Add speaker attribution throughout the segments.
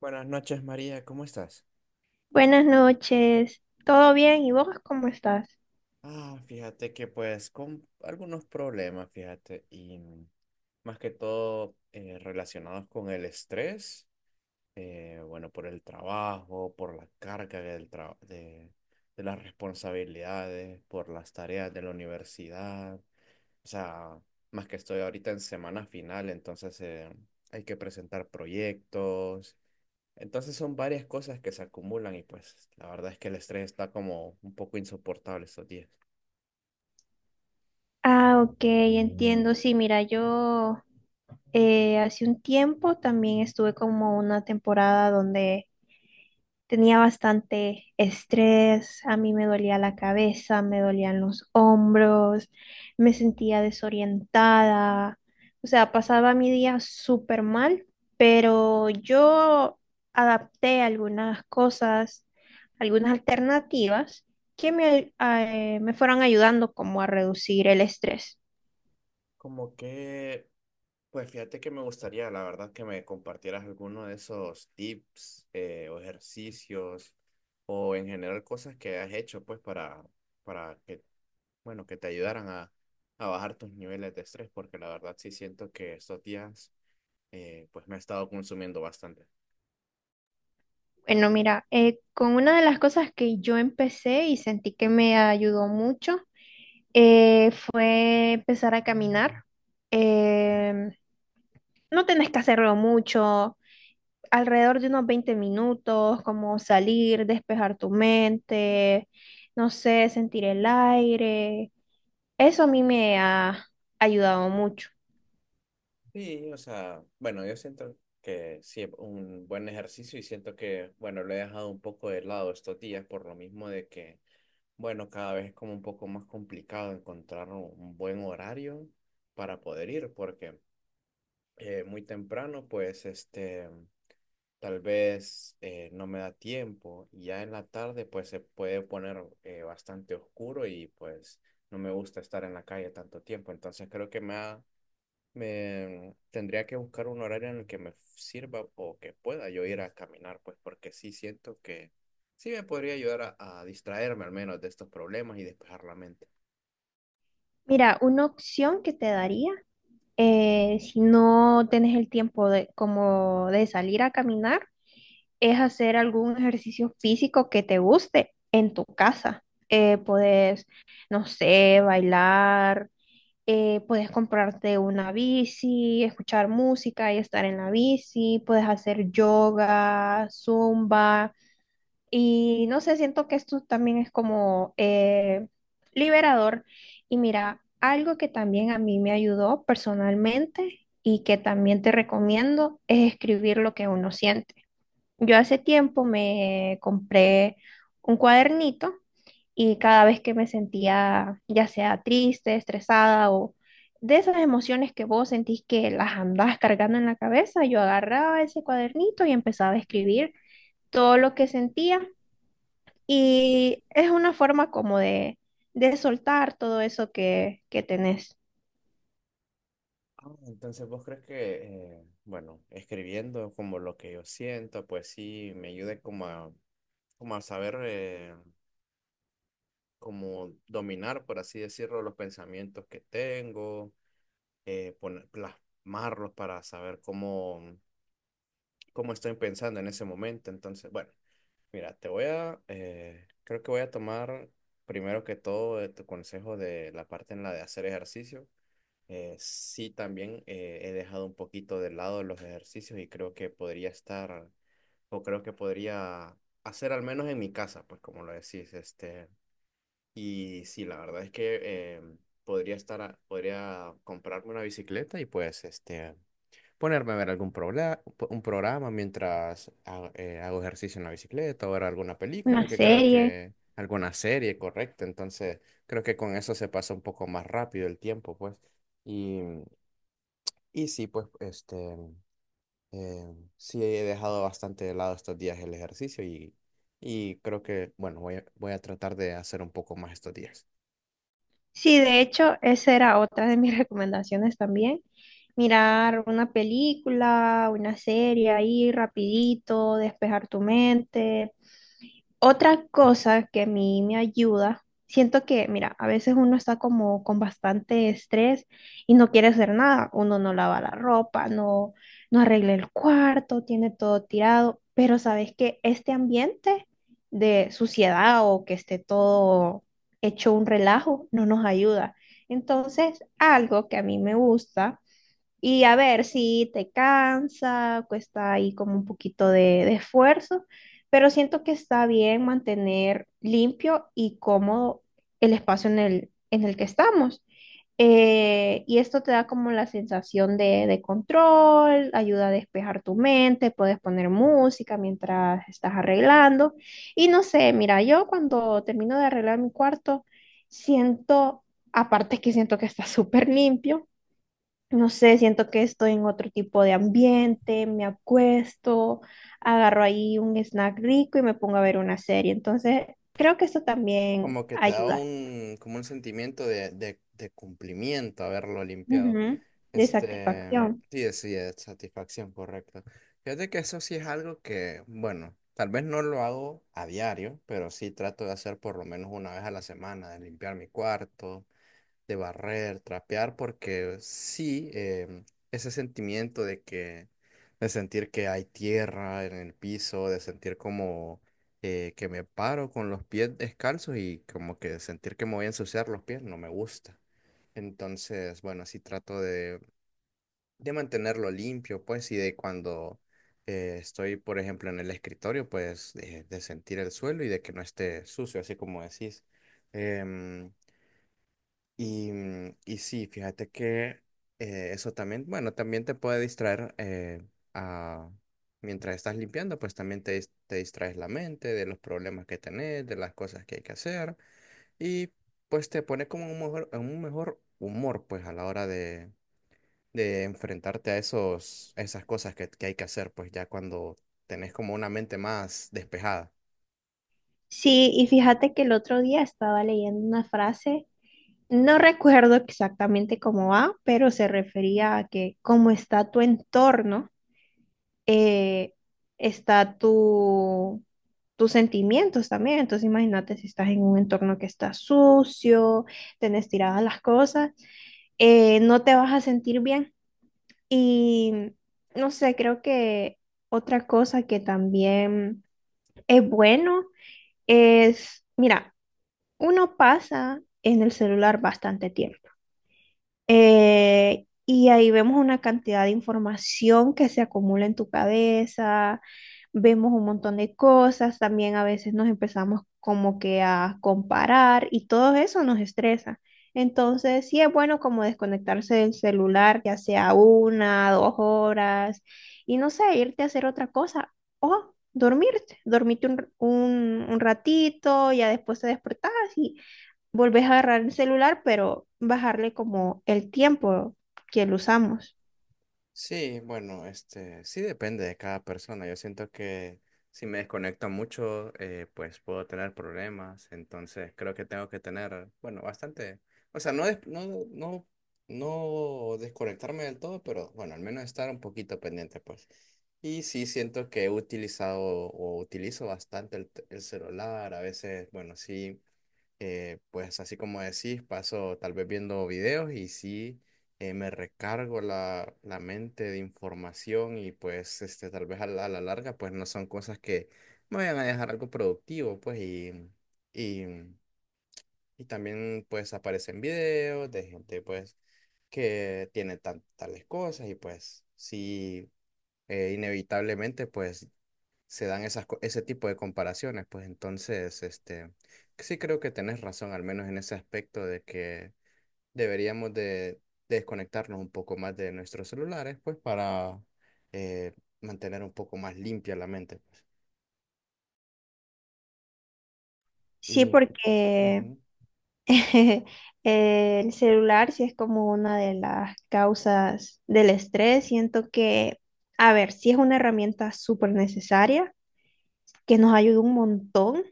Speaker 1: Buenas noches, María, ¿cómo estás?
Speaker 2: Buenas noches, ¿todo bien? ¿Y vos cómo estás?
Speaker 1: Ah, fíjate que pues con algunos problemas, fíjate, y más que todo relacionados con el estrés, bueno, por el trabajo, por la carga de las responsabilidades, por las tareas de la universidad, o sea, más que estoy ahorita en semana final, entonces hay que presentar proyectos. Entonces son varias cosas que se acumulan y pues la verdad es que el estrés está como un poco insoportable estos días.
Speaker 2: Ah, ok, entiendo. Sí, mira, yo hace un tiempo también estuve como una temporada donde tenía bastante estrés, a mí me dolía la cabeza, me dolían los hombros, me sentía desorientada, o sea, pasaba mi día súper mal, pero yo adapté algunas cosas, algunas alternativas que me me fueron ayudando como a reducir el estrés.
Speaker 1: Como que, pues fíjate que me gustaría, la verdad, que me compartieras alguno de esos tips o ejercicios o en general cosas que has hecho pues para que, bueno, que te ayudaran a bajar tus niveles de estrés porque la verdad sí siento que estos días pues me ha estado consumiendo bastante.
Speaker 2: Bueno, mira, con una de las cosas que yo empecé y sentí que me ayudó mucho fue empezar a caminar. Em, no tenés que hacerlo mucho, alrededor de unos 20 minutos, como salir, despejar tu mente, no sé, sentir el aire. Eso a mí me ha ayudado mucho.
Speaker 1: Sí, o sea, bueno, yo siento que sí es un buen ejercicio y siento que, bueno, lo he dejado un poco de lado estos días por lo mismo de que, bueno, cada vez es como un poco más complicado encontrar un buen horario para poder ir, porque muy temprano, pues, este, tal vez no me da tiempo y ya en la tarde, pues, se puede poner bastante oscuro y, pues, no me gusta estar en la calle tanto tiempo, entonces creo que me tendría que buscar un horario en el que me sirva o que pueda yo ir a caminar, pues porque sí siento que sí me podría ayudar a distraerme al menos de estos problemas y despejar la mente.
Speaker 2: Mira, una opción que te daría, si no tienes el tiempo de, como de salir a caminar, es hacer algún ejercicio físico que te guste en tu casa. Puedes, no sé, bailar, puedes comprarte una bici, escuchar música y estar en la bici, puedes hacer yoga, zumba. Y no sé, siento que esto también es como liberador. Y mira, algo que también a mí me ayudó personalmente y que también te recomiendo es escribir lo que uno siente. Yo hace tiempo me compré un cuadernito, y cada vez que me sentía ya sea triste, estresada o de esas emociones que vos sentís que las andás cargando en la cabeza, yo agarraba ese cuadernito y empezaba a escribir todo lo que sentía, y es una forma como de soltar todo eso que tenés.
Speaker 1: Ah, entonces, ¿vos crees que, bueno, escribiendo como lo que yo siento, pues sí me ayude como a, como a saber, como dominar, por así decirlo, los pensamientos que tengo, poner, plasmarlos para saber cómo, cómo estoy pensando en ese momento? Entonces, bueno. Mira, creo que voy a tomar primero que todo tu consejo de la parte en la de hacer ejercicio. Sí, también he dejado un poquito de lado los ejercicios y creo que podría estar, o creo que podría hacer al menos en mi casa, pues como lo decís, este. Y sí, la verdad es que podría comprarme una bicicleta y pues este ponerme a ver un programa mientras hago ejercicio en la bicicleta o ver alguna
Speaker 2: Una
Speaker 1: película, que creo
Speaker 2: serie.
Speaker 1: que alguna serie, correcto. Entonces, creo que con eso se pasa un poco más rápido el tiempo, pues. Y, y sí, pues, este, sí he dejado bastante de lado estos días el ejercicio y creo que, bueno, voy a, voy a tratar de hacer un poco más estos días.
Speaker 2: Sí, de hecho, esa era otra de mis recomendaciones también. Mirar una película, una serie ahí rapidito, despejar tu mente. Otra cosa que a mí me ayuda, siento que, mira, a veces uno está como con bastante estrés y no quiere hacer nada. Uno no lava la ropa, no arregla el cuarto, tiene todo tirado, pero sabes que este ambiente de suciedad o que esté todo hecho un relajo no nos ayuda. Entonces, algo que a mí me gusta y a ver si te cansa, cuesta ahí como un poquito de esfuerzo, pero siento que está bien mantener limpio y cómodo el espacio en en el que estamos. Y esto te da como la sensación de control, ayuda a despejar tu mente, puedes poner música mientras estás arreglando. Y no sé, mira, yo cuando termino de arreglar mi cuarto, siento, aparte que siento que está súper limpio, no sé, siento que estoy en otro tipo de ambiente, me acuesto, agarro ahí un snack rico y me pongo a ver una serie. Entonces, creo que eso también
Speaker 1: Como que te da
Speaker 2: ayuda.
Speaker 1: un, como un sentimiento de cumplimiento haberlo limpiado.
Speaker 2: Ujú. De
Speaker 1: Este,
Speaker 2: satisfacción.
Speaker 1: sí, sí, es satisfacción, correcto. Fíjate que eso sí es algo que, bueno, tal vez no lo hago a diario, pero sí trato de hacer por lo menos una vez a la semana, de limpiar mi cuarto, de barrer, trapear, porque sí, ese sentimiento de que, de sentir que hay tierra en el piso, de sentir como que me paro con los pies descalzos y como que sentir que me voy a ensuciar los pies, no me gusta. Entonces, bueno, sí trato de mantenerlo limpio, pues, y de cuando estoy, por ejemplo, en el escritorio, pues, de sentir el suelo y de que no esté sucio, así como decís. Em, y y sí, fíjate que eso también, bueno, también te puede distraer a, mientras estás limpiando, pues también te, te distraes la mente de los problemas que tenés, de las cosas que hay que hacer y pues te pone como un mejor, en un mejor humor, pues, a la hora de enfrentarte a esos, a esas cosas que hay que hacer, pues ya cuando tenés como una mente más despejada.
Speaker 2: Sí, y fíjate que el otro día estaba leyendo una frase, no recuerdo exactamente cómo va, pero se refería a que cómo está tu entorno, eh, está tu, tus sentimientos también. Entonces imagínate si estás en un entorno que está sucio, tenés tiradas las cosas, no te vas a sentir bien. Y no sé, creo que otra cosa que también es bueno es, mira, uno pasa en el celular bastante tiempo. Y ahí vemos una cantidad de información que se acumula en tu cabeza, vemos un montón de cosas, también a veces nos empezamos como que a comparar y todo eso nos estresa. Entonces, sí es bueno como desconectarse del celular, ya sea una, 2 horas, y no sé, irte a hacer otra cosa o dormirte, dormirte un ratito, ya después te despertás y volvés a agarrar el celular, pero bajarle como el tiempo que lo usamos.
Speaker 1: Sí, bueno, este, sí depende de cada persona. Yo siento que si me desconecto mucho, pues puedo tener problemas. Entonces creo que tengo que tener, bueno, bastante, o sea, no, no, no, no desconectarme del todo, pero bueno, al menos estar un poquito pendiente, pues. Y sí siento que he utilizado o utilizo bastante el celular. A veces, bueno, sí. Pues así como decís, paso tal vez viendo videos y sí me recargo la, la mente de información y pues este, tal vez a la larga pues no son cosas que me vayan a dejar algo productivo pues y, y también pues aparecen videos de gente pues que tiene tales cosas y pues sí inevitablemente pues se dan esas, ese tipo de comparaciones, pues entonces, este, sí creo que tenés razón, al menos en ese aspecto de que deberíamos de desconectarnos un poco más de nuestros celulares, pues para eh, mantener un poco más limpia la mente, pues.
Speaker 2: Sí,
Speaker 1: Y
Speaker 2: porque
Speaker 1: ujú.
Speaker 2: el celular sí es como una de las causas del estrés. Siento que, a ver, sí es una herramienta súper necesaria, que nos ayuda un montón,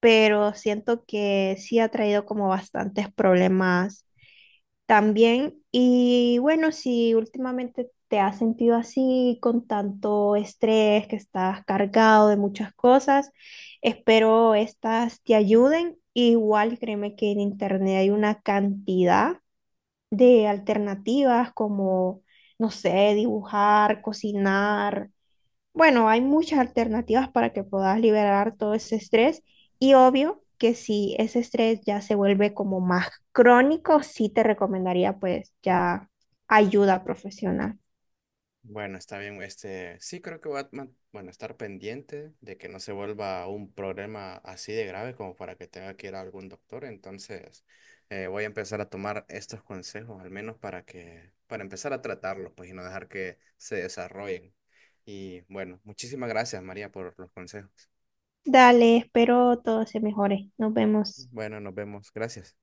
Speaker 2: pero siento que sí ha traído como bastantes problemas también. Y bueno, si últimamente te has sentido así, con tanto estrés, que estás cargado de muchas cosas, espero estas te ayuden. Igual créeme que en internet hay una cantidad de alternativas como, no sé, dibujar, cocinar. Bueno, hay muchas alternativas para que puedas liberar todo ese estrés, y obvio que si ese estrés ya se vuelve como más crónico, sí te recomendaría pues ya ayuda profesional.
Speaker 1: Bueno, está bien. Este, sí creo que voy a bueno, estar pendiente de que no se vuelva un problema así de grave como para que tenga que ir a algún doctor. Entonces, voy a empezar a tomar estos consejos, al menos para que, para empezar a tratarlos, pues, y no dejar que se desarrollen. Y bueno, muchísimas gracias, María, por los consejos.
Speaker 2: Dale, espero todo se mejore. Nos vemos.
Speaker 1: Bueno, nos vemos. Gracias.